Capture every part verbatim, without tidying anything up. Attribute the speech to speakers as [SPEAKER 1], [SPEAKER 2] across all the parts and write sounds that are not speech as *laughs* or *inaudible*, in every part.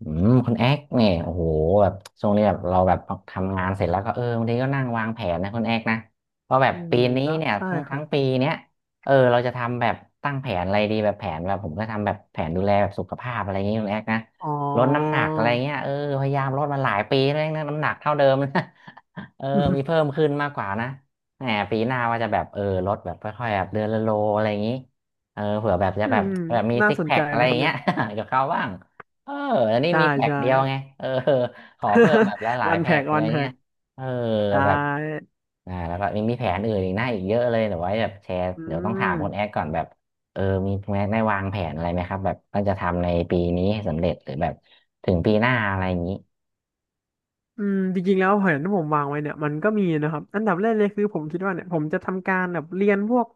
[SPEAKER 1] อืมคุณแอ๊กเนี่ยโอ้โหแบบช่วงนี้แบบเราแบบทำงานเสร็จแล้วก็เออบางทีก็นั่งวางแผนนะคุณแอ๊กนะเพราะแบ
[SPEAKER 2] อื
[SPEAKER 1] บ
[SPEAKER 2] ม
[SPEAKER 1] ปีนี้
[SPEAKER 2] ได้
[SPEAKER 1] เนี่ย
[SPEAKER 2] ใช่
[SPEAKER 1] ทั้ง
[SPEAKER 2] ค
[SPEAKER 1] ทั้
[SPEAKER 2] รั
[SPEAKER 1] ง
[SPEAKER 2] บ
[SPEAKER 1] ปีเนี้ยเออเราจะทำแบบตั้งแผนอะไรดีแบบแผนแบบผมก็ทำแบบแผนดูแลแบบสุขภาพอะไรอย่างงี้คุณแอ๊กนะ
[SPEAKER 2] อ๋
[SPEAKER 1] ลดน้ำห
[SPEAKER 2] อ
[SPEAKER 1] นักอะไรเงี้ยเออพยายามลดมาหลายปีแล้วนะน้ำหนักเท่าเดิมนะ *laughs* เออ
[SPEAKER 2] *laughs*
[SPEAKER 1] มี
[SPEAKER 2] อื
[SPEAKER 1] เพิ่มขึ้นมากกว่านะแหมปีหน้าว่าจะแบบเออลดแบบค่อยๆแบบเดือนละโลอะไรอย่างงี้เออเผื่อแบบ
[SPEAKER 2] ม
[SPEAKER 1] จะ
[SPEAKER 2] อื
[SPEAKER 1] แบบ
[SPEAKER 2] ม
[SPEAKER 1] แบบมี
[SPEAKER 2] น่า
[SPEAKER 1] ซิก
[SPEAKER 2] สน
[SPEAKER 1] แพ
[SPEAKER 2] ใจ
[SPEAKER 1] คอะไร
[SPEAKER 2] นะ
[SPEAKER 1] อ
[SPEAKER 2] ครั
[SPEAKER 1] ย่า
[SPEAKER 2] บ
[SPEAKER 1] งเงี้
[SPEAKER 2] เนี่
[SPEAKER 1] ย
[SPEAKER 2] ย
[SPEAKER 1] *laughs* เดีเขาบ้าง เอออันนี้
[SPEAKER 2] ใช่
[SPEAKER 1] มีแพ็ก
[SPEAKER 2] ใช่
[SPEAKER 1] เดียวไงเออ *laughs* ขอเพิ่มแบบหลา
[SPEAKER 2] *laughs*
[SPEAKER 1] ย
[SPEAKER 2] วัน
[SPEAKER 1] ๆแพ็
[SPEAKER 2] แพ็
[SPEAKER 1] ก
[SPEAKER 2] ก
[SPEAKER 1] อะไร
[SPEAKER 2] วันแพ็
[SPEAKER 1] เงี้ย
[SPEAKER 2] ก
[SPEAKER 1] เออ
[SPEAKER 2] ใช่
[SPEAKER 1] แบบอ่าแล้วก็มีมีแผนอื่นอีกหน้าอีกเยอะเลยเดี๋ยวไว้แบบแชร์
[SPEAKER 2] อื
[SPEAKER 1] เดี๋ยวต้องถา
[SPEAKER 2] ม
[SPEAKER 1] มคุณแอคก่อนแบบเออมีแม้ได้วางแผนอะไรไหมครับแบบต้องจะทำในปีนี้ให้สำเร็จหรือแบบถึงปีหน้าอะไรอย่างนี้
[SPEAKER 2] อืมจริงๆแล้วแผนที่ผมวางไว้เนี่ยมันก็มีนะครับอันดับแรกเลยคือผมคิดว่าเนี่ยผมจะทำการแบบเรียนพวก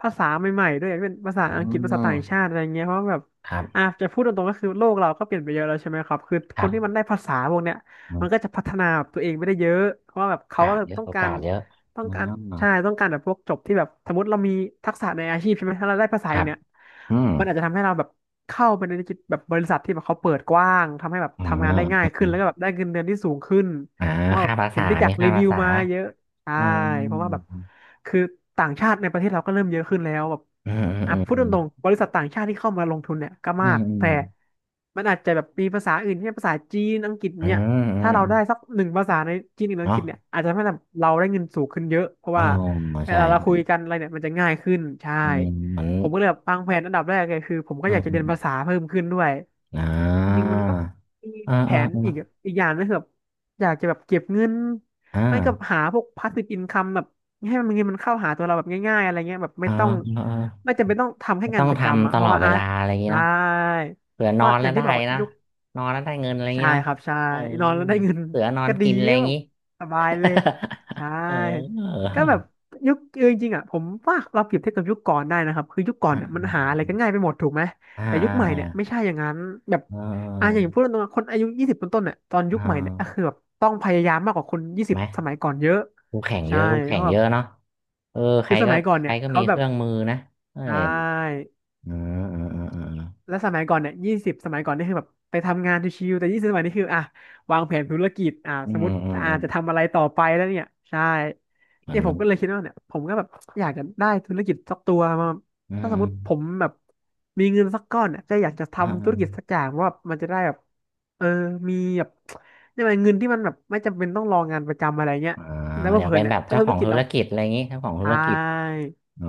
[SPEAKER 2] ภาษาใหม่ๆด้วยเป็นภาษา
[SPEAKER 1] อื
[SPEAKER 2] อังกฤษภาษาต่างชา
[SPEAKER 1] ม
[SPEAKER 2] ติอะไรเงี้ยเพราะว่าแบบ
[SPEAKER 1] ครั
[SPEAKER 2] อ่ะ
[SPEAKER 1] บ
[SPEAKER 2] จะพูดตรงๆก็คือโลกเราก็เปลี่ยนไปเยอะแล้วใช่ไหมครับคือ
[SPEAKER 1] ค
[SPEAKER 2] ค
[SPEAKER 1] รั
[SPEAKER 2] น
[SPEAKER 1] บ
[SPEAKER 2] ที่มันได้ภาษาพวกเนี้ย
[SPEAKER 1] อื
[SPEAKER 2] มันก็
[SPEAKER 1] ม
[SPEAKER 2] จะพัฒนาตัวเองไปได้เยอะเพราะว่าแบบ
[SPEAKER 1] โอ
[SPEAKER 2] เขา
[SPEAKER 1] กา
[SPEAKER 2] ก็
[SPEAKER 1] สเยอะ
[SPEAKER 2] ต้อง
[SPEAKER 1] โอ
[SPEAKER 2] กา
[SPEAKER 1] กา
[SPEAKER 2] ร
[SPEAKER 1] สเยอะ
[SPEAKER 2] ต้อ
[SPEAKER 1] อื
[SPEAKER 2] งการ
[SPEAKER 1] ม
[SPEAKER 2] ใช่ต้องการแบบพวกจบที่แบบสมมติเรามีทักษะในอาชีพใช่ไหมถ้าเราได้ภาษา
[SPEAKER 1] ค
[SPEAKER 2] อี
[SPEAKER 1] รั
[SPEAKER 2] ก
[SPEAKER 1] บ
[SPEAKER 2] เนี่ย
[SPEAKER 1] อืม
[SPEAKER 2] มันอาจจะทำให้เราแบบเข้าไปในจิตแบบบริษัทที่แบบเขาเปิดกว้างทำให้แบบ
[SPEAKER 1] อืม
[SPEAKER 2] ทำงานได้ง่าย
[SPEAKER 1] อ
[SPEAKER 2] ขึ้นแล้วก็
[SPEAKER 1] ม
[SPEAKER 2] แบบได้เงินเดือนที่สูงขึ้น
[SPEAKER 1] อ่า
[SPEAKER 2] เพราะว่าแบ
[SPEAKER 1] ค่า
[SPEAKER 2] บ
[SPEAKER 1] ภา
[SPEAKER 2] เห็
[SPEAKER 1] ษา
[SPEAKER 2] นพี่จั
[SPEAKER 1] มี
[SPEAKER 2] กรี
[SPEAKER 1] ค่า
[SPEAKER 2] วิ
[SPEAKER 1] ภา
[SPEAKER 2] ว
[SPEAKER 1] ษา
[SPEAKER 2] มาเยอะใช่
[SPEAKER 1] อื
[SPEAKER 2] เพราะว่าแบบ
[SPEAKER 1] ม
[SPEAKER 2] คือต่างชาติในประเทศเราก็เริ่มเยอะขึ้นแล้วแบบ
[SPEAKER 1] อืม
[SPEAKER 2] อ่ะ
[SPEAKER 1] อืม
[SPEAKER 2] พู
[SPEAKER 1] อื
[SPEAKER 2] ดต
[SPEAKER 1] ม
[SPEAKER 2] รงๆบริษัทต่างชาติที่เข้ามาลงทุนเนี่ยก็
[SPEAKER 1] อื
[SPEAKER 2] มากแต่
[SPEAKER 1] ม
[SPEAKER 2] มันอาจจะแบบมีภาษาอื่นเช่นภาษาจีนอังกฤษ
[SPEAKER 1] อื
[SPEAKER 2] เนี่ย
[SPEAKER 1] มอืมอืม
[SPEAKER 2] ถ้าเรา
[SPEAKER 1] อื
[SPEAKER 2] ได้สั
[SPEAKER 1] ม
[SPEAKER 2] กหนึ่งภาษาในจีนหรืออังก
[SPEAKER 1] เนาะ
[SPEAKER 2] ฤษเนี่ยอาจจะทำให้เราได้เงินสูงขึ้นเยอะเพราะ
[SPEAKER 1] อ๋อ
[SPEAKER 2] ว่าเว
[SPEAKER 1] ใช่
[SPEAKER 2] ลาเราคุยกันอะไรเนี่ยมันจะง่ายขึ้นใช่
[SPEAKER 1] อืมเหมือน
[SPEAKER 2] ผมก็เลยแบบวางแผนอันดับแรกเลยคือผมก็
[SPEAKER 1] อื
[SPEAKER 2] อ
[SPEAKER 1] ม
[SPEAKER 2] ยากจะ
[SPEAKER 1] อื
[SPEAKER 2] เรียน
[SPEAKER 1] ม
[SPEAKER 2] ภาษาเพิ่มขึ้นด้วย
[SPEAKER 1] อ่
[SPEAKER 2] จริง
[SPEAKER 1] า
[SPEAKER 2] ๆมันก็มี
[SPEAKER 1] อ่า
[SPEAKER 2] แผ
[SPEAKER 1] อ่า
[SPEAKER 2] นอีก
[SPEAKER 1] อ่า
[SPEAKER 2] อีกอย่างนึงคือแบบอยากจะแบบเก็บเงิน
[SPEAKER 1] อ่า
[SPEAKER 2] ไม่กับหาพวก passive income แบบให้มันเงินมันเข้าหาตัวเราแบบง่ายๆอะไรเงี้ยแบบไม่
[SPEAKER 1] อ่า
[SPEAKER 2] ต้อง
[SPEAKER 1] อ่า
[SPEAKER 2] ไม่จำเป็นต้องทำแค่
[SPEAKER 1] ไม่ต้
[SPEAKER 2] งาน
[SPEAKER 1] อง
[SPEAKER 2] ประจำ
[SPEAKER 1] ทำ
[SPEAKER 2] อะ
[SPEAKER 1] ต
[SPEAKER 2] เพ
[SPEAKER 1] ล
[SPEAKER 2] ราะ
[SPEAKER 1] อด
[SPEAKER 2] ว่า
[SPEAKER 1] เว
[SPEAKER 2] อ่ะ
[SPEAKER 1] ลาอะไรอย่างงี้
[SPEAKER 2] ได้
[SPEAKER 1] เนาะเผื่อ
[SPEAKER 2] เพ
[SPEAKER 1] นอ
[SPEAKER 2] ราะ
[SPEAKER 1] น
[SPEAKER 2] อ
[SPEAKER 1] แล้
[SPEAKER 2] ย่า
[SPEAKER 1] ว
[SPEAKER 2] งที่
[SPEAKER 1] ได้
[SPEAKER 2] บอกว่า
[SPEAKER 1] นะ
[SPEAKER 2] ยุค
[SPEAKER 1] นอนแล้วได้เงินอะไรอย่าง
[SPEAKER 2] ใช่
[SPEAKER 1] งี้เนาะ
[SPEAKER 2] ครับใช่
[SPEAKER 1] เออ
[SPEAKER 2] นอนแล้วได้เงิน
[SPEAKER 1] เสือนอ
[SPEAKER 2] *laughs*
[SPEAKER 1] น
[SPEAKER 2] ก็ดี
[SPEAKER 1] กินอะไร
[SPEAKER 2] ก็
[SPEAKER 1] อย่า
[SPEAKER 2] แบ
[SPEAKER 1] ง
[SPEAKER 2] บ
[SPEAKER 1] งี้
[SPEAKER 2] สบายเลยใช่
[SPEAKER 1] *laughs* เออ
[SPEAKER 2] ก็แบบยุคเออจริงๆอ่ะผมว่าเราเปรียบเทียบกับยุคก่อนได้นะครับคือยุคก่อน
[SPEAKER 1] อ่
[SPEAKER 2] เนี่ยมันหาอะไร
[SPEAKER 1] า
[SPEAKER 2] ก็ง่ายไปหมดถูกไหม
[SPEAKER 1] อ่า
[SPEAKER 2] แต่ยุค
[SPEAKER 1] อ่า
[SPEAKER 2] ใหม่
[SPEAKER 1] อ่า
[SPEAKER 2] เนี่
[SPEAKER 1] อ่า
[SPEAKER 2] ยไม่ใช่อย่างนั้นแบบอ่าอย่างพูดตรงๆคนอายุยี่สิบต้นๆเนี่ยตอนยุคใหม่เนี่
[SPEAKER 1] เอ่า
[SPEAKER 2] ยก็คือแบบต้องพยายามมากกว่าคนยี่สิ
[SPEAKER 1] ไหม
[SPEAKER 2] บสมัยก่อนเยอะ
[SPEAKER 1] คู่แข่งเย
[SPEAKER 2] ใช่
[SPEAKER 1] อะคู่
[SPEAKER 2] เพ
[SPEAKER 1] แข่ง
[SPEAKER 2] ราะแบ
[SPEAKER 1] เย
[SPEAKER 2] บ
[SPEAKER 1] อะเนาะเออใค
[SPEAKER 2] คื
[SPEAKER 1] ร
[SPEAKER 2] อส
[SPEAKER 1] ก็
[SPEAKER 2] มัยก่อน
[SPEAKER 1] ใคร
[SPEAKER 2] เนี่ย
[SPEAKER 1] ก็มี
[SPEAKER 2] เขา
[SPEAKER 1] เค
[SPEAKER 2] แบบ
[SPEAKER 1] รื่องมือนะเอ้
[SPEAKER 2] ใช
[SPEAKER 1] ย
[SPEAKER 2] ่
[SPEAKER 1] อืมอืมอืมอืม
[SPEAKER 2] แล้วสมัยก่อนเนี่ยยี่สิบสมัยก่อนนี่คือแบบไปทำงานชิวๆแต่ยี่สิบสมัยนี้คืออ่ะวางแผนธุรกิจอ่ะ
[SPEAKER 1] อื
[SPEAKER 2] สม
[SPEAKER 1] ม
[SPEAKER 2] มติ
[SPEAKER 1] อืมอื
[SPEAKER 2] อาจ
[SPEAKER 1] ม
[SPEAKER 2] จะทำอะไรต่อไปแล้วเนี่ยใช่
[SPEAKER 1] เหมือ
[SPEAKER 2] เนี่
[SPEAKER 1] น
[SPEAKER 2] ยผ
[SPEAKER 1] มั
[SPEAKER 2] ม
[SPEAKER 1] น
[SPEAKER 2] ก็เลยคิดว่าเนี่ยผมก็แบบอยากจะได้ธุรกิจสักตัวมา
[SPEAKER 1] อื
[SPEAKER 2] ถ้าสมมติผ
[SPEAKER 1] ม
[SPEAKER 2] มแบบมีเงินสักก้อนเนี่ยจะอยากจะ
[SPEAKER 1] อืม
[SPEAKER 2] ทำ
[SPEAKER 1] อื
[SPEAKER 2] ธุรกิจ
[SPEAKER 1] ม
[SPEAKER 2] สักอย่างเพราะว่ามันจะได้แบบเออมีแบบเนี่ยกว่าเงินที่มันแบบไม่จำเป็นต้องรองานประจำอะไรเงี้ย
[SPEAKER 1] อ่า
[SPEAKER 2] แล้ว
[SPEAKER 1] อยาก
[SPEAKER 2] เพื่อ
[SPEAKER 1] เป็
[SPEAKER 2] น
[SPEAKER 1] น
[SPEAKER 2] เนี่
[SPEAKER 1] แบ
[SPEAKER 2] ย
[SPEAKER 1] บ
[SPEAKER 2] ถ้า
[SPEAKER 1] เจ้า
[SPEAKER 2] ธุ
[SPEAKER 1] ขอ
[SPEAKER 2] ร
[SPEAKER 1] ง
[SPEAKER 2] กิจ
[SPEAKER 1] ธุ
[SPEAKER 2] เรา
[SPEAKER 1] รกิจอะไรอย่างงี้เจ้าของ
[SPEAKER 2] ใช
[SPEAKER 1] ธุรกิจ
[SPEAKER 2] ่
[SPEAKER 1] อ๋อ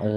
[SPEAKER 1] เออ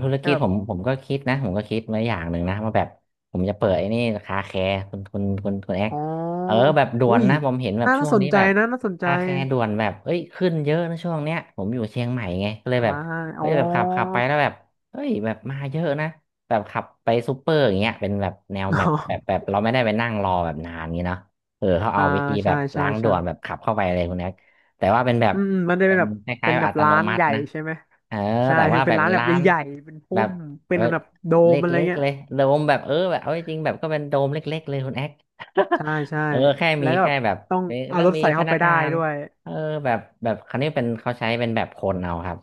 [SPEAKER 1] ธุร
[SPEAKER 2] ก็
[SPEAKER 1] กิจ
[SPEAKER 2] แบ
[SPEAKER 1] ผ
[SPEAKER 2] บ
[SPEAKER 1] มผมก็คิดนะผมก็คิดมาอย่างหนึ่งนะว่าแบบผมจะเปิดไอ้นี่คาแคร์คุณคุณคุณคุณแอก
[SPEAKER 2] อ๋อ
[SPEAKER 1] เออแบบด่ว
[SPEAKER 2] อุ้
[SPEAKER 1] น
[SPEAKER 2] ย
[SPEAKER 1] นะผมเห็นแบบ
[SPEAKER 2] น่า
[SPEAKER 1] ช่วง
[SPEAKER 2] สน
[SPEAKER 1] นี้
[SPEAKER 2] ใจ
[SPEAKER 1] แบบ
[SPEAKER 2] นะน่าสนใจ
[SPEAKER 1] คาแคร์ด่วนแบบเอ้ยขึ้นเยอะนะช่วงเนี้ยผมอยู่เชียงใหม่ไงก็เลย
[SPEAKER 2] ใช่
[SPEAKER 1] แบบ
[SPEAKER 2] อ๋
[SPEAKER 1] เอ้
[SPEAKER 2] อ
[SPEAKER 1] ยแบบขับขับไปแล้วแบบเอ้ยแบบมาเยอะนะแบบขับไปซูเปอร์อย่างเงี้ยเป็นแบบแนว
[SPEAKER 2] *laughs* อ๋
[SPEAKER 1] แบบแบบ
[SPEAKER 2] อ
[SPEAKER 1] แบบเราไม่ได้ไปนั่งรอแบบนานงี้เนาะเออเขาเอา
[SPEAKER 2] อ่า
[SPEAKER 1] วิธีแบ
[SPEAKER 2] ใช่
[SPEAKER 1] บ
[SPEAKER 2] ใช่
[SPEAKER 1] ล้างด่
[SPEAKER 2] ใช่
[SPEAKER 1] วนแบบขับเข้าไปเลยคุณแอกแต่ว่าเป็นแบบ
[SPEAKER 2] อืมอืมมันได้
[SPEAKER 1] เป็
[SPEAKER 2] เป็น
[SPEAKER 1] น
[SPEAKER 2] แบบ
[SPEAKER 1] คล้า
[SPEAKER 2] เป็
[SPEAKER 1] ย
[SPEAKER 2] นแบ
[SPEAKER 1] ๆอั
[SPEAKER 2] บ
[SPEAKER 1] ตโน
[SPEAKER 2] ร้าน
[SPEAKER 1] มั
[SPEAKER 2] ให
[SPEAKER 1] ติ
[SPEAKER 2] ญ่
[SPEAKER 1] นะ
[SPEAKER 2] ใช่ไหม
[SPEAKER 1] เออ
[SPEAKER 2] ใช่
[SPEAKER 1] แต่
[SPEAKER 2] คื
[SPEAKER 1] ว่า
[SPEAKER 2] อ
[SPEAKER 1] แบ
[SPEAKER 2] เป็น
[SPEAKER 1] บ
[SPEAKER 2] ร้านแบบ
[SPEAKER 1] ร้าน
[SPEAKER 2] ใหญ่ๆเป็น
[SPEAKER 1] แบ
[SPEAKER 2] พุ่
[SPEAKER 1] บ
[SPEAKER 2] มเป็
[SPEAKER 1] เอ
[SPEAKER 2] น
[SPEAKER 1] อ
[SPEAKER 2] แบบโด
[SPEAKER 1] เล
[SPEAKER 2] มอะไร
[SPEAKER 1] ็ก
[SPEAKER 2] เงี้
[SPEAKER 1] ๆ
[SPEAKER 2] ย
[SPEAKER 1] เลยโดมแบบเออแบบเอาจริงๆแบบก็เป็นโดมเล็กๆเลยคุณแอ๊ก
[SPEAKER 2] ใช่ใช่
[SPEAKER 1] *laughs* เออแค่มี
[SPEAKER 2] แล้วก็แบ
[SPEAKER 1] แค่
[SPEAKER 2] บ
[SPEAKER 1] แบบ
[SPEAKER 2] ต้อง
[SPEAKER 1] มี
[SPEAKER 2] เอา
[SPEAKER 1] แล้ว
[SPEAKER 2] รถ
[SPEAKER 1] มี
[SPEAKER 2] ใส่
[SPEAKER 1] พ
[SPEAKER 2] เข้า
[SPEAKER 1] นั
[SPEAKER 2] ไป
[SPEAKER 1] ก
[SPEAKER 2] ได้
[SPEAKER 1] งาน
[SPEAKER 2] ด้วย
[SPEAKER 1] เออแบบแบบคันนี้เป็นเขาใช้เป็นแบบคนเอาครับ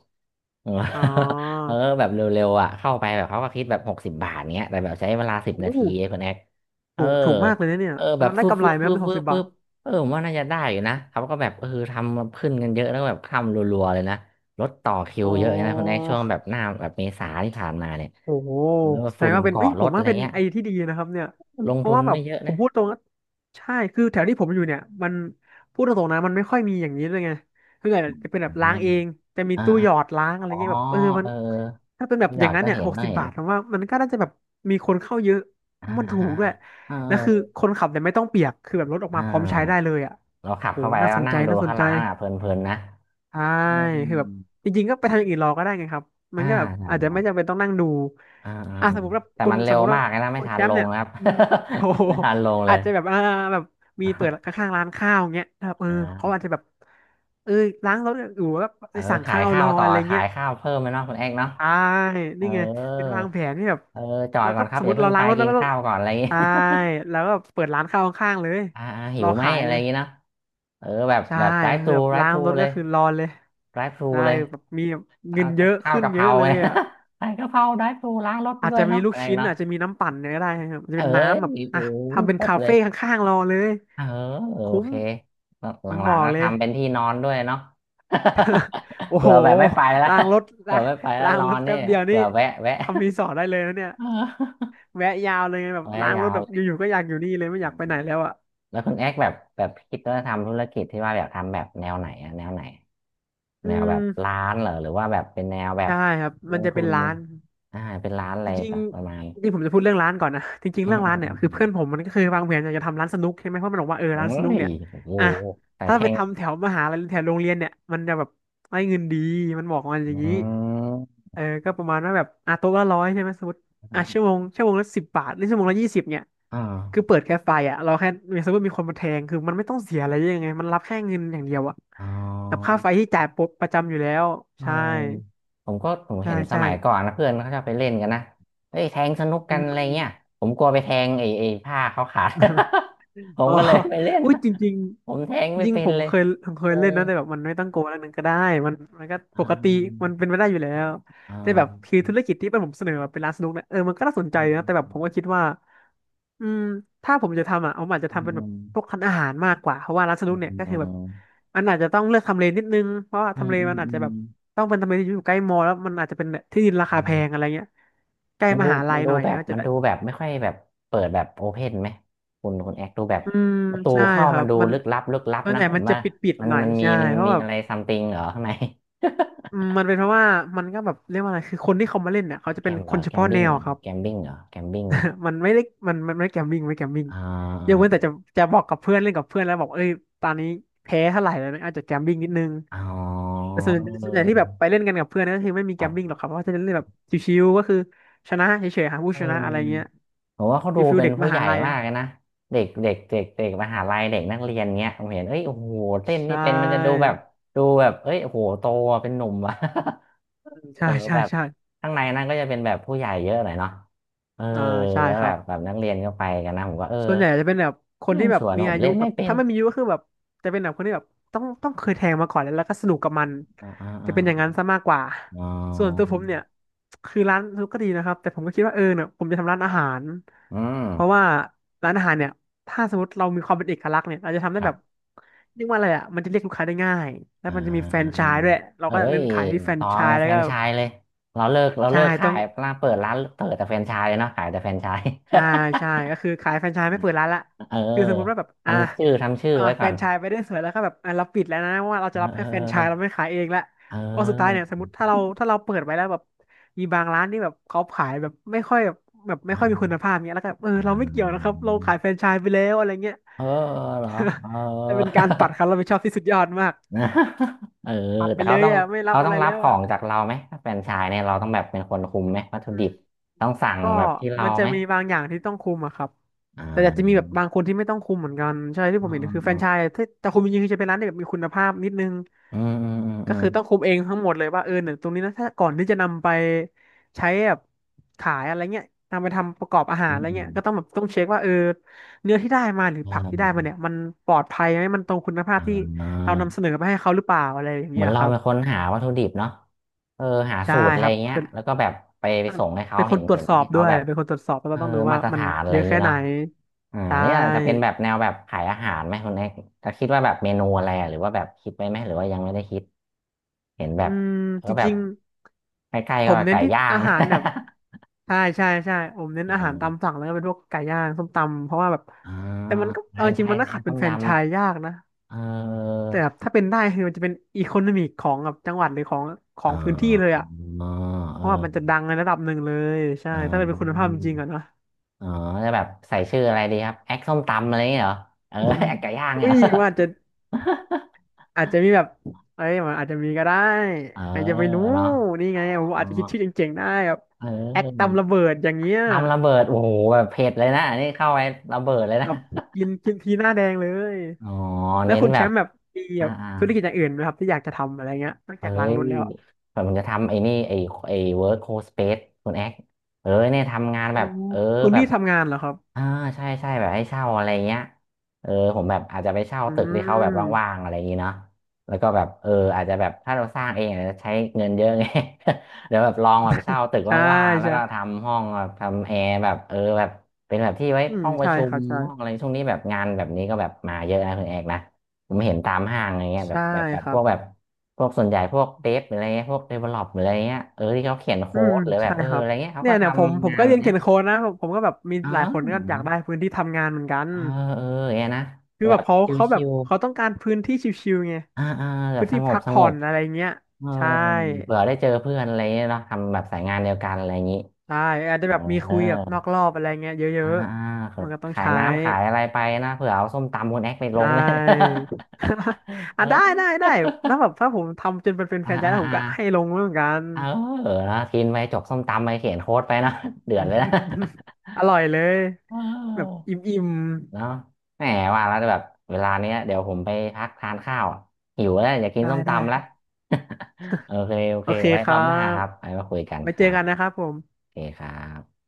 [SPEAKER 1] เออ
[SPEAKER 2] อ๋อ
[SPEAKER 1] *laughs* เออแบบเร็วๆอ่ะเข้าไปแบบเขาก็คิดแบบหกสิบบาทเงี้ยแต่แบบใช้เวลาสิบ
[SPEAKER 2] โอ้
[SPEAKER 1] นาทีเองคุณแอ๊กเออ
[SPEAKER 2] ถูกถูกมากเลยนะเนี่ย
[SPEAKER 1] เออ
[SPEAKER 2] แล้
[SPEAKER 1] แบ
[SPEAKER 2] ว
[SPEAKER 1] บ
[SPEAKER 2] มันได้
[SPEAKER 1] ฟึบ
[SPEAKER 2] กำ
[SPEAKER 1] ฟึ
[SPEAKER 2] ไร
[SPEAKER 1] บ
[SPEAKER 2] ไหมค
[SPEAKER 1] ฟึ
[SPEAKER 2] รับ
[SPEAKER 1] บ
[SPEAKER 2] ห
[SPEAKER 1] ฟึ
[SPEAKER 2] ก
[SPEAKER 1] บ
[SPEAKER 2] สิบ
[SPEAKER 1] ฟึ
[SPEAKER 2] บาท
[SPEAKER 1] บเออผมว่าน่าจะได้อยู่นะเขาก็แบบเออทำขึ้นกันเยอะแล้วแบบทำรัวๆเลยนะ รถต่อคิว
[SPEAKER 2] อ๋อ
[SPEAKER 1] เยอะนะคุณแอกช่วงแบบหน้าแบบเมษาที่ผ่านมาเนี่ย
[SPEAKER 2] โอ้โห
[SPEAKER 1] เออ
[SPEAKER 2] แสด
[SPEAKER 1] ฝุ่
[SPEAKER 2] ง
[SPEAKER 1] น
[SPEAKER 2] ว่าเป็นเอ้
[SPEAKER 1] เกาะ
[SPEAKER 2] ย
[SPEAKER 1] ร
[SPEAKER 2] ผ
[SPEAKER 1] ถ
[SPEAKER 2] ม
[SPEAKER 1] อะ
[SPEAKER 2] ว่า
[SPEAKER 1] ไร
[SPEAKER 2] เป็น
[SPEAKER 1] เงี้ย
[SPEAKER 2] ไอเดียที่ดีนะครับเนี่ย
[SPEAKER 1] ลง
[SPEAKER 2] เพ
[SPEAKER 1] ทุ
[SPEAKER 2] ราะ
[SPEAKER 1] น
[SPEAKER 2] ว่าแบบ
[SPEAKER 1] ไม่เยอะ
[SPEAKER 2] ผม
[SPEAKER 1] นะ
[SPEAKER 2] พูดตรงนะใช่คือแถวที่ผมอยู่เนี่ยมันพูดตรงๆนะมันไม่ค่อยมีอย่างนี้เลยไงคืออาจจะเป็นแบบล้า
[SPEAKER 1] อ่า
[SPEAKER 2] งเองจะมี
[SPEAKER 1] อ่า
[SPEAKER 2] ตู้
[SPEAKER 1] อา
[SPEAKER 2] หยอดล้างอะไร
[SPEAKER 1] อ๋อ
[SPEAKER 2] เงี้ยแบบเออมั
[SPEAKER 1] เอ
[SPEAKER 2] น
[SPEAKER 1] อ
[SPEAKER 2] ถ้าเป็น
[SPEAKER 1] คุ
[SPEAKER 2] แบบ
[SPEAKER 1] ณห
[SPEAKER 2] อ
[SPEAKER 1] ยอ
[SPEAKER 2] ย่าง
[SPEAKER 1] ด
[SPEAKER 2] นั้น
[SPEAKER 1] ก็
[SPEAKER 2] เนี่ย
[SPEAKER 1] เห็น
[SPEAKER 2] หก
[SPEAKER 1] ก็
[SPEAKER 2] สิบ
[SPEAKER 1] เห็น
[SPEAKER 2] บาทผมว่ามันก็น่าจะแบบมีคนเข้าเยอะ
[SPEAKER 1] อ่า
[SPEAKER 2] มัน
[SPEAKER 1] อ่า
[SPEAKER 2] ถูกด้วย
[SPEAKER 1] อ่า
[SPEAKER 2] แล้วคื
[SPEAKER 1] เอ
[SPEAKER 2] อ
[SPEAKER 1] อ
[SPEAKER 2] คนขับเนี่ยไม่ต้องเปียกคือแบบรถออก
[SPEAKER 1] อ่
[SPEAKER 2] มาพร้อมใช้ได้
[SPEAKER 1] า
[SPEAKER 2] เลยอ่ะ
[SPEAKER 1] เราขับ
[SPEAKER 2] โอ้
[SPEAKER 1] เข้า
[SPEAKER 2] โห
[SPEAKER 1] ไป
[SPEAKER 2] น่า
[SPEAKER 1] แล้
[SPEAKER 2] ส
[SPEAKER 1] ว
[SPEAKER 2] น
[SPEAKER 1] นั่
[SPEAKER 2] ใจ
[SPEAKER 1] งดู
[SPEAKER 2] น่าสน
[SPEAKER 1] เขา
[SPEAKER 2] ใจ
[SPEAKER 1] ล้างอ่ะเพลินๆนะ
[SPEAKER 2] ใช่
[SPEAKER 1] อืม
[SPEAKER 2] คือแบบจริงๆก็ไปทำอย่างอื่นรอก็ได้ไงครับมั
[SPEAKER 1] อ่า
[SPEAKER 2] นก็แบบ
[SPEAKER 1] ใช่
[SPEAKER 2] อาจจะ
[SPEAKER 1] ใช่
[SPEAKER 2] ไม่จำเป็นต้องนั่งดู
[SPEAKER 1] อ่าอ่า
[SPEAKER 2] อ่ะ
[SPEAKER 1] อ่า
[SPEAKER 2] สมมติว่า
[SPEAKER 1] แต่
[SPEAKER 2] คุ
[SPEAKER 1] มั
[SPEAKER 2] ณ
[SPEAKER 1] นเร็
[SPEAKER 2] สม
[SPEAKER 1] ว
[SPEAKER 2] มติว่า
[SPEAKER 1] มากเลยนะไม่
[SPEAKER 2] คุณ
[SPEAKER 1] ทั
[SPEAKER 2] แช
[SPEAKER 1] น
[SPEAKER 2] ม
[SPEAKER 1] ล
[SPEAKER 2] ป์
[SPEAKER 1] ง
[SPEAKER 2] เนี่ย
[SPEAKER 1] นะครับ
[SPEAKER 2] อืม *laughs* โอ้โห
[SPEAKER 1] *laughs* ไม่ทันลงเล
[SPEAKER 2] อา
[SPEAKER 1] ย
[SPEAKER 2] จจะแบบอ่าแบบมีเปิด
[SPEAKER 1] *laughs*
[SPEAKER 2] ข้างๆร้านข้าวอย่างเงี้ยแบบเออ
[SPEAKER 1] อ่
[SPEAKER 2] เขาอาจ
[SPEAKER 1] า
[SPEAKER 2] จะแบบเออล้างรถอยู่แล้วก็
[SPEAKER 1] เอ
[SPEAKER 2] ไป
[SPEAKER 1] อ
[SPEAKER 2] สั่ง
[SPEAKER 1] ขาย
[SPEAKER 2] ข้าว
[SPEAKER 1] ข้า
[SPEAKER 2] ร
[SPEAKER 1] ว
[SPEAKER 2] อ
[SPEAKER 1] ต่อ
[SPEAKER 2] อะไร
[SPEAKER 1] ขา
[SPEAKER 2] เงี้ย
[SPEAKER 1] ยข้าวเพิ่มไหมเนาะคุณแอกเนาะ
[SPEAKER 2] ใช่
[SPEAKER 1] เออ
[SPEAKER 2] นี่ไงเป็นวางแผนที่แบบ
[SPEAKER 1] เออ จอด
[SPEAKER 2] เรา
[SPEAKER 1] ก่อ
[SPEAKER 2] ก็
[SPEAKER 1] นครั
[SPEAKER 2] ส
[SPEAKER 1] บ
[SPEAKER 2] ม
[SPEAKER 1] อ
[SPEAKER 2] ม
[SPEAKER 1] ย่า
[SPEAKER 2] ติ
[SPEAKER 1] เพิ่
[SPEAKER 2] เรา
[SPEAKER 1] งไป
[SPEAKER 2] ล้างรถแล้
[SPEAKER 1] กิ
[SPEAKER 2] ว
[SPEAKER 1] น
[SPEAKER 2] ก็
[SPEAKER 1] ข้าวก่อนอะไรอย่างงี้
[SPEAKER 2] ใช่แล้วก็เปิดร้านข้าวข้างๆเลย
[SPEAKER 1] *laughs* อ่าอ่าหิ
[SPEAKER 2] ร
[SPEAKER 1] ว
[SPEAKER 2] อ
[SPEAKER 1] ไหม
[SPEAKER 2] ขาย
[SPEAKER 1] อะ
[SPEAKER 2] เล
[SPEAKER 1] ไรอ
[SPEAKER 2] ย
[SPEAKER 1] ย่างงี้เนาะเออแบบ
[SPEAKER 2] ใช่
[SPEAKER 1] แบบไลฟ์ท
[SPEAKER 2] คือ
[SPEAKER 1] รู
[SPEAKER 2] แบบ
[SPEAKER 1] ไลฟ์
[SPEAKER 2] ล้า
[SPEAKER 1] ท
[SPEAKER 2] ง
[SPEAKER 1] รู
[SPEAKER 2] รถ
[SPEAKER 1] เล
[SPEAKER 2] ก็
[SPEAKER 1] ย
[SPEAKER 2] คือรอนเลย
[SPEAKER 1] ไลฟ์ทรู
[SPEAKER 2] ใช่
[SPEAKER 1] เลย
[SPEAKER 2] แบบมีแบบเงิ
[SPEAKER 1] ข้า
[SPEAKER 2] น
[SPEAKER 1] ว
[SPEAKER 2] เยอะ
[SPEAKER 1] ข้าว
[SPEAKER 2] ขึ้น
[SPEAKER 1] กะเพ
[SPEAKER 2] เย
[SPEAKER 1] รา
[SPEAKER 2] อะเล
[SPEAKER 1] ไง
[SPEAKER 2] ยอ่ะ
[SPEAKER 1] *laughs* ใส่กะเพราไลฟ์ทรูล้างรถไป
[SPEAKER 2] อาจ
[SPEAKER 1] ด้ว
[SPEAKER 2] จะ
[SPEAKER 1] ย
[SPEAKER 2] มี
[SPEAKER 1] เนาะ
[SPEAKER 2] ลู
[SPEAKER 1] อะ
[SPEAKER 2] ก
[SPEAKER 1] ไรอย่าง
[SPEAKER 2] ชิ้
[SPEAKER 1] เี้
[SPEAKER 2] น
[SPEAKER 1] เนาะ
[SPEAKER 2] อาจจะมีน้ำปั่นเนี่ยก็ได้ครับจะ
[SPEAKER 1] เอ้
[SPEAKER 2] เป็น
[SPEAKER 1] ย
[SPEAKER 2] น้ำแบบอ่ะ
[SPEAKER 1] โอ้
[SPEAKER 2] ทำเป็
[SPEAKER 1] ค
[SPEAKER 2] น
[SPEAKER 1] รบ
[SPEAKER 2] คา
[SPEAKER 1] เลย
[SPEAKER 2] เฟ่ข้างๆเราเลย
[SPEAKER 1] เออโอ
[SPEAKER 2] คุ้ม
[SPEAKER 1] เคห
[SPEAKER 2] ผมบ
[SPEAKER 1] ลัง
[SPEAKER 2] อ
[SPEAKER 1] ๆ
[SPEAKER 2] ก
[SPEAKER 1] ก็
[SPEAKER 2] เลย
[SPEAKER 1] ทำเป็นที่นอนด้วยเนาะ *laughs*
[SPEAKER 2] โอ้
[SPEAKER 1] เผื่
[SPEAKER 2] โห
[SPEAKER 1] อแบบไม่ไปแล้ว
[SPEAKER 2] ล้างรถ
[SPEAKER 1] *laughs* เผื่
[SPEAKER 2] ละ
[SPEAKER 1] อไม่ไปแล้ว
[SPEAKER 2] ล้าง
[SPEAKER 1] นอ
[SPEAKER 2] รถ
[SPEAKER 1] นนี่
[SPEAKER 2] แป๊บเดียวนี่
[SPEAKER 1] เผื่อแวะแวะ
[SPEAKER 2] ทำรีสอร์ทได้เลยนะเนี่ย
[SPEAKER 1] เออ *laughs*
[SPEAKER 2] แวะยาวเลยไงแบบ
[SPEAKER 1] แวะ
[SPEAKER 2] ล้างร
[SPEAKER 1] ยา
[SPEAKER 2] ถ
[SPEAKER 1] ว
[SPEAKER 2] แบบ
[SPEAKER 1] เล
[SPEAKER 2] อ
[SPEAKER 1] ย
[SPEAKER 2] ยู่ๆก็อยากอยู่นี่เลยไม่อยากไปไหนแล้วอ่ะ
[SPEAKER 1] แล้วคุณแอคแบบแบบคิดว่าทำธุรกิจที่ว่าแบบทำแบบแนวไหนอะแนวไหน
[SPEAKER 2] อื
[SPEAKER 1] แนวแบบร้า
[SPEAKER 2] ม
[SPEAKER 1] นเหรอหรือว่าแบบเป็นแนวแบบ
[SPEAKER 2] ใช่ครับ
[SPEAKER 1] ล
[SPEAKER 2] มัน
[SPEAKER 1] ง
[SPEAKER 2] จะ
[SPEAKER 1] ทุ
[SPEAKER 2] เป็น
[SPEAKER 1] น
[SPEAKER 2] ร้าน
[SPEAKER 1] อ่าเป็นร้านอะ
[SPEAKER 2] จ
[SPEAKER 1] ไร
[SPEAKER 2] ริ
[SPEAKER 1] แบ
[SPEAKER 2] ง
[SPEAKER 1] บประมาณ
[SPEAKER 2] ๆจริงๆผมจะพูดเรื่องร้านก่อนนะจริงๆ
[SPEAKER 1] อื
[SPEAKER 2] เรื่
[SPEAKER 1] ม
[SPEAKER 2] อง
[SPEAKER 1] อื
[SPEAKER 2] ร้า
[SPEAKER 1] ม
[SPEAKER 2] นเนี่
[SPEAKER 1] อื
[SPEAKER 2] ย
[SPEAKER 1] ม
[SPEAKER 2] คือ
[SPEAKER 1] อืม
[SPEAKER 2] เพื่อนผมมันก็เคยวางแผนอยากจะทำร้านสนุกใช่ไหมเพราะมันบอกว่าเออ
[SPEAKER 1] โอ้
[SPEAKER 2] ร้านสนุก
[SPEAKER 1] ย
[SPEAKER 2] เนี่ย
[SPEAKER 1] โอ้โห
[SPEAKER 2] อ่ะ
[SPEAKER 1] สาย
[SPEAKER 2] ถ้า
[SPEAKER 1] แท
[SPEAKER 2] ไป
[SPEAKER 1] ง
[SPEAKER 2] ทำแถวมหาลัยหรือแถวโรงเรียนเนี่ยมันจะแบบได้เงินดีมันบอกมันอ
[SPEAKER 1] อื
[SPEAKER 2] ย่างนี้
[SPEAKER 1] ม
[SPEAKER 2] เออก็ประมาณว่าแบบอ่ะโต๊ะละร้อยใช่ไหมสมมติอ่ะชั่วโมงชั่วโมงละสิบบาทหรือชั่วโมงละยี่สิบเนี่ย
[SPEAKER 1] อ่า
[SPEAKER 2] คือเปิดแค่ไฟอ่ะเราแค่มีสมมติมีคนมาแทงคือมันไม่ต้องเสียอะไรเยอะยังไงมันรับแค่เงินอย่างเดียวอ่ะ
[SPEAKER 1] อ๋อ
[SPEAKER 2] กับค่าไฟที่จ่ายปกประจำอยู่แล้ว
[SPEAKER 1] เออ
[SPEAKER 2] ใช่
[SPEAKER 1] ผมก็ผม
[SPEAKER 2] ใช่
[SPEAKER 1] เห็นส
[SPEAKER 2] ใช่
[SPEAKER 1] มัยก่อนนะเพื่อนเขาชอบไปเล่นกันนะ เฮ้ยแทงสนุกกั
[SPEAKER 2] อื
[SPEAKER 1] นอะไรเงี้ย ผมกลัวไปแทงไอ้ไอ้ผ้าเขาขาด
[SPEAKER 2] ม
[SPEAKER 1] *laughs* ผม
[SPEAKER 2] อ๋อ
[SPEAKER 1] ก็เลยไปเล่น
[SPEAKER 2] *laughs* อุ้ยจริง
[SPEAKER 1] *laughs* ผมแทง
[SPEAKER 2] ๆ
[SPEAKER 1] ไม่
[SPEAKER 2] จริง
[SPEAKER 1] เป็น
[SPEAKER 2] ผม
[SPEAKER 1] เลย
[SPEAKER 2] เคยผมเค
[SPEAKER 1] โอ้
[SPEAKER 2] ยเล่นนะแต่แบบมันไม่ต้องโกงแล้วนึงก็ได้มันมันก็
[SPEAKER 1] อ่
[SPEAKER 2] ปกติ
[SPEAKER 1] า
[SPEAKER 2] มันเป็นไปได้อยู่แล้ว
[SPEAKER 1] อ่า
[SPEAKER 2] แต่แบบคือธุรกิจที่เป็นผมเสนอแบบเป็นร้านสนุกเนี่ยเออมันก็น่าสนใจ
[SPEAKER 1] อื
[SPEAKER 2] นะแต่แบบผมก็
[SPEAKER 1] ม
[SPEAKER 2] คิดว่าอืมถ้าผมจะทำอ่ะผมอาจจะ
[SPEAKER 1] อื
[SPEAKER 2] ทำเป็นแบบ
[SPEAKER 1] ม
[SPEAKER 2] พวกคันอาหารมากกว่าเพราะว่าร้านสนุ
[SPEAKER 1] อื
[SPEAKER 2] ก
[SPEAKER 1] ม
[SPEAKER 2] เนี่
[SPEAKER 1] อื
[SPEAKER 2] ยก็คือแบบ
[SPEAKER 1] ม
[SPEAKER 2] มันอาจจะต้องเลือกทำเลนิดนึงเพราะว่า
[SPEAKER 1] อื
[SPEAKER 2] ทำ
[SPEAKER 1] ม
[SPEAKER 2] เล
[SPEAKER 1] อื
[SPEAKER 2] มั
[SPEAKER 1] ม
[SPEAKER 2] นอา
[SPEAKER 1] อื
[SPEAKER 2] จ
[SPEAKER 1] ม
[SPEAKER 2] จะ
[SPEAKER 1] อื
[SPEAKER 2] แบบ
[SPEAKER 1] ม
[SPEAKER 2] ต้องเป็นทำเลที่อยู่ใกล้มอลล์แล้วมันอาจจะเป็นที่ดินรา
[SPEAKER 1] อื
[SPEAKER 2] คาแพงอะไร
[SPEAKER 1] ม
[SPEAKER 2] เงี้ยใกล้
[SPEAKER 1] มัน
[SPEAKER 2] ม
[SPEAKER 1] ดู
[SPEAKER 2] หาลั
[SPEAKER 1] มั
[SPEAKER 2] ย
[SPEAKER 1] นดู
[SPEAKER 2] หน่อย
[SPEAKER 1] แบบ
[SPEAKER 2] ก็จะ
[SPEAKER 1] มันดูแบบไม่ค่อยแบบเปิดแบบโอเพนไหมคุณคุณแอคดูแบบ
[SPEAKER 2] อืม
[SPEAKER 1] ประตู
[SPEAKER 2] ใช่
[SPEAKER 1] เข้า
[SPEAKER 2] ครั
[SPEAKER 1] มัน
[SPEAKER 2] บ
[SPEAKER 1] ดู
[SPEAKER 2] มัน
[SPEAKER 1] ลึกลับลึกลับ
[SPEAKER 2] ส่วนให
[SPEAKER 1] นะ
[SPEAKER 2] ญ่
[SPEAKER 1] ผ
[SPEAKER 2] มั
[SPEAKER 1] ม
[SPEAKER 2] นจะ
[SPEAKER 1] ว่า
[SPEAKER 2] ปิดปิด
[SPEAKER 1] มัน
[SPEAKER 2] หน่อย
[SPEAKER 1] มันมี
[SPEAKER 2] ใช่
[SPEAKER 1] มัน
[SPEAKER 2] เพราะ
[SPEAKER 1] มี
[SPEAKER 2] แบบ
[SPEAKER 1] อะไรซัมติงเหรอข้างใน
[SPEAKER 2] อืมมันเป็นเพราะว่ามันก็แบบเรียกว่าอะไรคือคนที่เขามาเล่นเนี่ยเขาจะ
[SPEAKER 1] แก
[SPEAKER 2] เป็น
[SPEAKER 1] มเหร
[SPEAKER 2] ค
[SPEAKER 1] อ
[SPEAKER 2] นเฉ
[SPEAKER 1] แกม
[SPEAKER 2] พาะแน
[SPEAKER 1] บิ้ง
[SPEAKER 2] ว
[SPEAKER 1] เหรอ
[SPEAKER 2] ครับ
[SPEAKER 1] แกมบิ้งเหรอแกมบิ้งไหม
[SPEAKER 2] *laughs* มันไม่ได้มันมันไม่แกมมิ่งไม่แกมมิ่ง
[SPEAKER 1] อ่
[SPEAKER 2] ยก
[SPEAKER 1] า
[SPEAKER 2] เว้นแต่จะจะบอกกับเพื่อนเล่นกับเพื่อนแล้วบอกเอ้ยตอนนี้แพ้เท่าไหร่แล้วนะอาจจะแกมมิ่งนิดนึง
[SPEAKER 1] อ๋อ
[SPEAKER 2] แต่ส่วนส่วนใหญ่ที่แบบ
[SPEAKER 1] เออ
[SPEAKER 2] ไปเล่นกันกับเพื่อนก็คือไม่มี
[SPEAKER 1] ค
[SPEAKER 2] แก
[SPEAKER 1] รั
[SPEAKER 2] มมิ่งหร
[SPEAKER 1] บ
[SPEAKER 2] อกครับเพราะว่าจะเล่นแบบชิวๆก็คือชนะเฉยๆหา
[SPEAKER 1] เ
[SPEAKER 2] ผู้ชนะอะไรเงี้ย
[SPEAKER 1] ออผมว่าเขาดู
[SPEAKER 2] ฟิลฟิล
[SPEAKER 1] เป็น
[SPEAKER 2] เด็กม
[SPEAKER 1] ผู้ให
[SPEAKER 2] หา
[SPEAKER 1] ญ่
[SPEAKER 2] ลัย
[SPEAKER 1] มา
[SPEAKER 2] อะ
[SPEAKER 1] กเลยนะเด็กเด็กเด็กเด็กมหาลัยเด็กนักเรียนเงี้ยผมเห็นเอ้ยโอ้โหเต้น
[SPEAKER 2] ใช่
[SPEAKER 1] นี่เป็นมันจะดูแบบดูแบบเอ้ยโอ้โหโตอะเป็นหนุ่มอะเอ
[SPEAKER 2] ใช่
[SPEAKER 1] อ
[SPEAKER 2] ใช่
[SPEAKER 1] แบบ
[SPEAKER 2] ใช่
[SPEAKER 1] ข้างในนั่นก็จะเป็นแบบผู้ใหญ่เยอะหน่อยเนาะเออ
[SPEAKER 2] อ่าใช่
[SPEAKER 1] แล้ว
[SPEAKER 2] ค
[SPEAKER 1] แบ
[SPEAKER 2] รับ
[SPEAKER 1] บแบบนักเรียนก็ไปกันนะผมก็เออ
[SPEAKER 2] ส่วนใหญ่จะเป็นแบบคน
[SPEAKER 1] เพื่อ
[SPEAKER 2] ที่
[SPEAKER 1] น
[SPEAKER 2] แบ
[SPEAKER 1] ช
[SPEAKER 2] บ
[SPEAKER 1] วน
[SPEAKER 2] มี
[SPEAKER 1] ผ
[SPEAKER 2] อา
[SPEAKER 1] ม
[SPEAKER 2] ยุ
[SPEAKER 1] เล่น
[SPEAKER 2] แบ
[SPEAKER 1] ไม่
[SPEAKER 2] บ
[SPEAKER 1] เป็น
[SPEAKER 2] ถ้าไม่มีอายุก็คือแบบจะเป็นแบบคนที่แบบต้องต้องเคยแทงมาก่อนแล้วแล้วก็สนุกกับมัน
[SPEAKER 1] อ่าอ่า
[SPEAKER 2] จะเป็นอย่างนั้น
[SPEAKER 1] อ่า
[SPEAKER 2] ซะมากกว่า
[SPEAKER 1] อ๋อ
[SPEAKER 2] ส่วนตัวผมเนี่ยคือร้านซุปก็ดีนะครับแต่ผมก็คิดว่าเออเนี่ยผมจะทำร้านอาหาร
[SPEAKER 1] อื
[SPEAKER 2] เพราะว่า
[SPEAKER 1] ม
[SPEAKER 2] ร้านอาหารเนี่ยถ้าสมมติเรามีความเป็นเอกลักษณ์เนี่ยเราจะทำ
[SPEAKER 1] ค
[SPEAKER 2] ได้
[SPEAKER 1] รั
[SPEAKER 2] แบบ
[SPEAKER 1] บ
[SPEAKER 2] เรียกว่าอะไรอ่ะมันจะเรียกลูกค้าได้ง่ายแล้ว
[SPEAKER 1] อ่
[SPEAKER 2] มันจะมีแฟรนไช
[SPEAKER 1] า
[SPEAKER 2] ส์ด้วยเรา
[SPEAKER 1] เอ้
[SPEAKER 2] ก็
[SPEAKER 1] ย
[SPEAKER 2] เน้นขายที่แฟรน
[SPEAKER 1] ต่อ
[SPEAKER 2] ไช
[SPEAKER 1] ไป
[SPEAKER 2] ส์แล้
[SPEAKER 1] แฟ
[SPEAKER 2] ว
[SPEAKER 1] ร
[SPEAKER 2] ก็
[SPEAKER 1] นไชส์เลย เราเลิก เราเลิ
[SPEAKER 2] ใช่
[SPEAKER 1] ก
[SPEAKER 2] ต้
[SPEAKER 1] ขา
[SPEAKER 2] อง
[SPEAKER 1] ยร้านเปิดร้านเปิดแต่แฟรนไชส์เลยเนาะขายแต่แฟรนไชส์
[SPEAKER 2] ใช่ใช่ก็คือขายแฟรนไชส์ไม่เปิดร้านละ
[SPEAKER 1] *laughs* เออ
[SPEAKER 2] คือสมมุติว่าแบบอ่า
[SPEAKER 1] ทำชื่อ ทำชื่อ
[SPEAKER 2] อ่า
[SPEAKER 1] ไว้
[SPEAKER 2] แฟ
[SPEAKER 1] ก่
[SPEAKER 2] ร
[SPEAKER 1] อน
[SPEAKER 2] นไชส์ไปได้สวยแล้วก็แบบอ่าเราปิดแล้วนะว่าเรา
[SPEAKER 1] เอ
[SPEAKER 2] จะ
[SPEAKER 1] อ
[SPEAKER 2] รับ
[SPEAKER 1] เอ
[SPEAKER 2] แค่แฟรนไชส์
[SPEAKER 1] อ
[SPEAKER 2] เราไม่ขายเองละ
[SPEAKER 1] เ
[SPEAKER 2] เพราะสุดท้ายเนี่
[SPEAKER 1] ออ
[SPEAKER 2] ยสมมติถ้าเราถ้าเราเปิดไว้แล้วแบบมีบางร้านที่แบบเขาขายแบบไม่ค่อยแบบแบบไม่ค่อยมีคุ
[SPEAKER 1] อ่า
[SPEAKER 2] ณภาพเนี้ยแล้วก็เออ
[SPEAKER 1] อ่
[SPEAKER 2] เราไม่เกี่ยวนะ
[SPEAKER 1] า
[SPEAKER 2] ครับเราขายแฟรนไชส์ไปแล้วอะไรเงี้ย
[SPEAKER 1] เออเหรอเอ
[SPEAKER 2] *laughs* แต่เป็น
[SPEAKER 1] อ
[SPEAKER 2] การปัดความรับผิดชอบที่สุดยอดมาก
[SPEAKER 1] นะ *laughs* เออ
[SPEAKER 2] ปัดไป
[SPEAKER 1] แต่
[SPEAKER 2] เล
[SPEAKER 1] เขา
[SPEAKER 2] ย
[SPEAKER 1] ต้อง
[SPEAKER 2] อ่ะไม่รับ
[SPEAKER 1] เขาต้
[SPEAKER 2] อะ
[SPEAKER 1] อ
[SPEAKER 2] ไร
[SPEAKER 1] งรั
[SPEAKER 2] แล้
[SPEAKER 1] บ
[SPEAKER 2] ว
[SPEAKER 1] ขอ
[SPEAKER 2] อ่ะ
[SPEAKER 1] งจากเราไหมถ้าแฟรนไชส์เนี่ยเราต้องแบบเป็นคนคุมไหมวัตถุ
[SPEAKER 2] อืม
[SPEAKER 1] ดิบ ต้องสั่ง
[SPEAKER 2] ก็
[SPEAKER 1] แบบที่เรา
[SPEAKER 2] มันจะ
[SPEAKER 1] ไหม
[SPEAKER 2] มีบางอย่างที่ต้องคุมอะครับ
[SPEAKER 1] อ่
[SPEAKER 2] แต่อาจจะมีแบบ
[SPEAKER 1] า
[SPEAKER 2] บางคนที่ไม่ต้องคุมเหมือนกันใช่ที่
[SPEAKER 1] อื
[SPEAKER 2] ผมเห็นคือแฟรนไชส์
[SPEAKER 1] ม
[SPEAKER 2] ถ้าจคุมจริงๆคือจะเป็นร้านที่แบบมีคุณภาพนิดนึง
[SPEAKER 1] อืมอืม
[SPEAKER 2] ก็
[SPEAKER 1] อืม
[SPEAKER 2] คือต้องคุมเองทั้งหมดเลยว่าเออเนี่ยตรงนี้นะถ้าก่อนที่จะนำไปใช้แบบขายอะไรเงี้ยนำไปทำประกอบอาหา
[SPEAKER 1] อื
[SPEAKER 2] รอะ
[SPEAKER 1] ม
[SPEAKER 2] ไร
[SPEAKER 1] อืม
[SPEAKER 2] เงี้ยก็ต้องแบบต้องเช็คว่าเออเนื้อที่ได้มาหรือ
[SPEAKER 1] อื
[SPEAKER 2] ผักที่ได้มาเนี่ย
[SPEAKER 1] ม
[SPEAKER 2] มันปลอดภัยไหมมันตรงคุณภาพ
[SPEAKER 1] อ่
[SPEAKER 2] ที่เรา
[SPEAKER 1] า
[SPEAKER 2] นำเสนอไปให้เขาหรือเปล่าอะไรอย่าง
[SPEAKER 1] เหมื
[SPEAKER 2] เงี้
[SPEAKER 1] อน
[SPEAKER 2] ย
[SPEAKER 1] เรา
[SPEAKER 2] ครับ
[SPEAKER 1] เป็นคนหาวัตถุดิบเนาะเออหา
[SPEAKER 2] ใช่
[SPEAKER 1] สูตรอะ
[SPEAKER 2] ค
[SPEAKER 1] ไร
[SPEAKER 2] รับ
[SPEAKER 1] เงี้ย
[SPEAKER 2] คือ
[SPEAKER 1] แล้วก็แบบไปไปส่งให้เขา
[SPEAKER 2] เป็นค
[SPEAKER 1] เห็
[SPEAKER 2] น
[SPEAKER 1] น
[SPEAKER 2] ตรว
[SPEAKER 1] เห็
[SPEAKER 2] จ
[SPEAKER 1] น
[SPEAKER 2] สอบ
[SPEAKER 1] ที่
[SPEAKER 2] ด้
[SPEAKER 1] เขา
[SPEAKER 2] วย
[SPEAKER 1] แบบ
[SPEAKER 2] เป็นคนตรวจสอบแล้ว
[SPEAKER 1] เอ
[SPEAKER 2] ก็
[SPEAKER 1] อ
[SPEAKER 2] ต้องดู
[SPEAKER 1] มา
[SPEAKER 2] ว่า
[SPEAKER 1] ตร
[SPEAKER 2] มัน
[SPEAKER 1] ฐานอะไร
[SPEAKER 2] เย
[SPEAKER 1] อ
[SPEAKER 2] อะ
[SPEAKER 1] ย่างงี้
[SPEAKER 2] แค่ไหน
[SPEAKER 1] เนาะอ่า
[SPEAKER 2] ใช่
[SPEAKER 1] นี่อาจจะเป็นแบบแนวแบบขายอาหารไหมคุณเอกจะคิดว่าแบบเมนูอะไรอะหรือว่าแบบคิดไว้ไหมหรือว่ายังไม่ได้คิดเห็นแบ
[SPEAKER 2] อื
[SPEAKER 1] บ
[SPEAKER 2] มจ
[SPEAKER 1] ก็แบบ
[SPEAKER 2] ริง
[SPEAKER 1] ใกล้
[SPEAKER 2] ผ
[SPEAKER 1] ๆก็
[SPEAKER 2] ม
[SPEAKER 1] แบบ
[SPEAKER 2] เน้น
[SPEAKER 1] ไก่
[SPEAKER 2] ที่
[SPEAKER 1] ย่าง
[SPEAKER 2] อาหารแบบใช่ใช่ใช่ผมเน้
[SPEAKER 1] *laughs*
[SPEAKER 2] น
[SPEAKER 1] อ่
[SPEAKER 2] อาหารตาม
[SPEAKER 1] า
[SPEAKER 2] สั่งแล้วก็เป็นพวกไก่ย่างส้มตำเพราะว่าแบบ
[SPEAKER 1] อ่า
[SPEAKER 2] แต่มันก็เอา
[SPEAKER 1] อัน
[SPEAKER 2] จริง
[SPEAKER 1] ใช่
[SPEAKER 2] มัน
[SPEAKER 1] ไห
[SPEAKER 2] ก็
[SPEAKER 1] น
[SPEAKER 2] ขัดเป็
[SPEAKER 1] ต้
[SPEAKER 2] น
[SPEAKER 1] ม
[SPEAKER 2] แฟ
[SPEAKER 1] ย
[SPEAKER 2] รนไชส์ยาก
[SPEAKER 1] ำ
[SPEAKER 2] นะ
[SPEAKER 1] เออ
[SPEAKER 2] แต่แบบถ้าเป็นได้คือมันจะเป็นอีโคโนมิกของแบบจังหวัดหรือของขอ
[SPEAKER 1] อ๋อ
[SPEAKER 2] งพื้นที่เลยอ่ะเพราะว่ามันจะ
[SPEAKER 1] เออ
[SPEAKER 2] ดังในระดับหนึ่งเลยใช่
[SPEAKER 1] อ๋อ
[SPEAKER 2] ถ้าเป็นคุณภาพจริงๆอ่ะนะ
[SPEAKER 1] อ๋อจะแบบใส่ชื่ออะไรดีครับ แอคส้มตำอะไรอย่างเงี้ยเหรอเออ
[SPEAKER 2] *laughs* อืม
[SPEAKER 1] *laughs* แอคไก่ย่างเนี่
[SPEAKER 2] อุ้
[SPEAKER 1] ยเหร
[SPEAKER 2] ย
[SPEAKER 1] อ
[SPEAKER 2] ว่าจะ
[SPEAKER 1] *laughs*
[SPEAKER 2] อาจจะมีแบบเอ้ยมันอาจจะมีก็ได้
[SPEAKER 1] เออ
[SPEAKER 2] ใครจะไปรู้
[SPEAKER 1] เนาะ
[SPEAKER 2] นี่ไง
[SPEAKER 1] อ๋
[SPEAKER 2] ผม
[SPEAKER 1] อ
[SPEAKER 2] อาจจะคิดชื่อเจ๋งๆได้แบบ
[SPEAKER 1] เ
[SPEAKER 2] แอค
[SPEAKER 1] ออ
[SPEAKER 2] ตำระเบิดอย่างเงี้ย
[SPEAKER 1] ตำระเบิดโอ้โหแบบเผ็ดเลยนะอันนี้เข้าไประเบิดเลยนะ
[SPEAKER 2] แบบกินกินทีหน้าแดงเลย
[SPEAKER 1] *laughs* อ๋อ
[SPEAKER 2] แล้ว
[SPEAKER 1] เน้น
[SPEAKER 2] คุณ
[SPEAKER 1] แบ
[SPEAKER 2] แช
[SPEAKER 1] บ
[SPEAKER 2] มป์แบบมีแบ
[SPEAKER 1] อ่า
[SPEAKER 2] บ
[SPEAKER 1] อ่า
[SPEAKER 2] ธุรกิจอย่างอื่นไหมครับที่อยากจะทำอะไรเงี้ยนอก
[SPEAKER 1] เอ้
[SPEAKER 2] จากล้างรถ
[SPEAKER 1] ย
[SPEAKER 2] แล้ว
[SPEAKER 1] แบบมันจะทำไอ้นี่ไอ้ไอ้เวิร์คโคสเปซคุณแอคเออเนี่ยทำงาน
[SPEAKER 2] โอ้
[SPEAKER 1] แบบเออ
[SPEAKER 2] คุณ
[SPEAKER 1] แบ
[SPEAKER 2] นี่
[SPEAKER 1] บ
[SPEAKER 2] ทำงานเหรอครับ
[SPEAKER 1] อ่าใช่ใช่แบบให้เช่าอะไรเงี้ยเออผมแบบอาจจะไปเช่า
[SPEAKER 2] อื
[SPEAKER 1] ตึกที่เขาแบบว่า
[SPEAKER 2] ม
[SPEAKER 1] งๆอะไรอย่างงี้เนาะแล้วก็แบบเอออาจจะแบบถ้าเราสร้างเองอาจจะใช้เงินเยอะไง *laughs* เดี๋ยวแบบลองแบบเช่าตึก
[SPEAKER 2] ใช่
[SPEAKER 1] ว่างๆแล้ว
[SPEAKER 2] ใช่
[SPEAKER 1] ก็ทำห้องแบบทำแอร์แบบเออแบบเป็นแบบที่ไว้
[SPEAKER 2] อืม
[SPEAKER 1] ห้องป
[SPEAKER 2] ใช่
[SPEAKER 1] ระชุ
[SPEAKER 2] ค
[SPEAKER 1] ม
[SPEAKER 2] รับใช่
[SPEAKER 1] ห้องอะไรช่วงนี้แบบงานแบบนี้ก็แบบมาเยอะนะคุณแอกนะผมเห็นตามห้างอะไรเงี้ยแบ
[SPEAKER 2] ใช่
[SPEAKER 1] บแบบแบบ
[SPEAKER 2] ค
[SPEAKER 1] พ
[SPEAKER 2] รั
[SPEAKER 1] ว
[SPEAKER 2] บ
[SPEAKER 1] กแบบพวกส่วนใหญ่พวกเดฟหรืออะไรเงี้ยพวกเดเวลลอปหรืออะไรเงี้ยเออที่เขาเขียน
[SPEAKER 2] อื
[SPEAKER 1] โค้
[SPEAKER 2] ม
[SPEAKER 1] ดหรือแบบ
[SPEAKER 2] ใช่
[SPEAKER 1] เออ
[SPEAKER 2] ครั
[SPEAKER 1] อะ
[SPEAKER 2] บ
[SPEAKER 1] ไรเงี้ยเขา
[SPEAKER 2] เนี่
[SPEAKER 1] ก็
[SPEAKER 2] ย
[SPEAKER 1] ท
[SPEAKER 2] เนี่ยผมผ
[SPEAKER 1] ำ
[SPEAKER 2] ม
[SPEAKER 1] งา
[SPEAKER 2] ก็
[SPEAKER 1] น
[SPEAKER 2] เรียน
[SPEAKER 1] เนี้
[SPEAKER 2] เขี
[SPEAKER 1] ย
[SPEAKER 2] ยนโค้ดนะผมผมก็แบบมี
[SPEAKER 1] อ๋อ
[SPEAKER 2] หลายคนก็อยากได้พื้นที่ทำงานเหมือนกัน
[SPEAKER 1] เออเออแอยนะ
[SPEAKER 2] คือ
[SPEAKER 1] แบ
[SPEAKER 2] แบบ
[SPEAKER 1] บ
[SPEAKER 2] เขาเขาแบ
[SPEAKER 1] ชิ
[SPEAKER 2] บ
[SPEAKER 1] ว
[SPEAKER 2] เขาต้องการพื้นที่ชิลๆไง
[SPEAKER 1] ๆอ่าอ่าแบบ
[SPEAKER 2] พื้น
[SPEAKER 1] ส
[SPEAKER 2] ที่
[SPEAKER 1] งบ
[SPEAKER 2] พัก
[SPEAKER 1] สง
[SPEAKER 2] ผ่อ
[SPEAKER 1] บ
[SPEAKER 2] นอะไรเงี้ย
[SPEAKER 1] เออ
[SPEAKER 2] ใช่
[SPEAKER 1] เผื่อได้เจอเพื่อนอะไรเงี้ยเนาะทำแบบสายงานเดียวกันอะไรอย่างนี้
[SPEAKER 2] ใช่อาจจะ
[SPEAKER 1] เอ
[SPEAKER 2] แบบมี
[SPEAKER 1] อ
[SPEAKER 2] คุยแบบนอกรอบอะไรเงี้ยเย
[SPEAKER 1] อ่า
[SPEAKER 2] อะ
[SPEAKER 1] อ่
[SPEAKER 2] ๆ
[SPEAKER 1] า
[SPEAKER 2] มันก็ต้อง
[SPEAKER 1] ขาย
[SPEAKER 2] ใช้
[SPEAKER 1] น้ำขายอะไรไปนะเผื่อเอาส้มตำคุณแอกไปล
[SPEAKER 2] ใช่
[SPEAKER 1] งเนี่ย
[SPEAKER 2] *laughs*
[SPEAKER 1] *laughs* เอ
[SPEAKER 2] อ่ะได้ได้
[SPEAKER 1] อ
[SPEAKER 2] ได้แล้วแบบถ้าผมทำจนเป็นแฟน
[SPEAKER 1] อ่า
[SPEAKER 2] ใจ
[SPEAKER 1] อ่า
[SPEAKER 2] แล้วผม
[SPEAKER 1] อ่า
[SPEAKER 2] ก็ให้ลงด้วยเหมือนกัน
[SPEAKER 1] เออนะกินไปจกส้มตำไปเขียนโค้ดไปนะ *laughs* เดื
[SPEAKER 2] *laughs* อ
[SPEAKER 1] อดเลยนะ
[SPEAKER 2] มอร่อยเลย
[SPEAKER 1] *laughs* เออ
[SPEAKER 2] แบบอิ่ม
[SPEAKER 1] เนาะแหมว่าแล้วแบบเวลาเนี้ยเดี๋ยวผมไปพักทานข้าวหิวแล้วอยากกิ
[SPEAKER 2] ๆ
[SPEAKER 1] น
[SPEAKER 2] ได้
[SPEAKER 1] ส้ม
[SPEAKER 2] ได้
[SPEAKER 1] ตำแล้ว *laughs* โอเคโอ
[SPEAKER 2] โอ
[SPEAKER 1] เค
[SPEAKER 2] เค
[SPEAKER 1] ไว้
[SPEAKER 2] ค
[SPEAKER 1] ร
[SPEAKER 2] รั
[SPEAKER 1] อบหน้า
[SPEAKER 2] บ
[SPEAKER 1] ครับไว้มาคุยกัน
[SPEAKER 2] ไว้
[SPEAKER 1] ค
[SPEAKER 2] เจ
[SPEAKER 1] รั
[SPEAKER 2] อ
[SPEAKER 1] บ
[SPEAKER 2] กันนะครับผม
[SPEAKER 1] โอเคครับ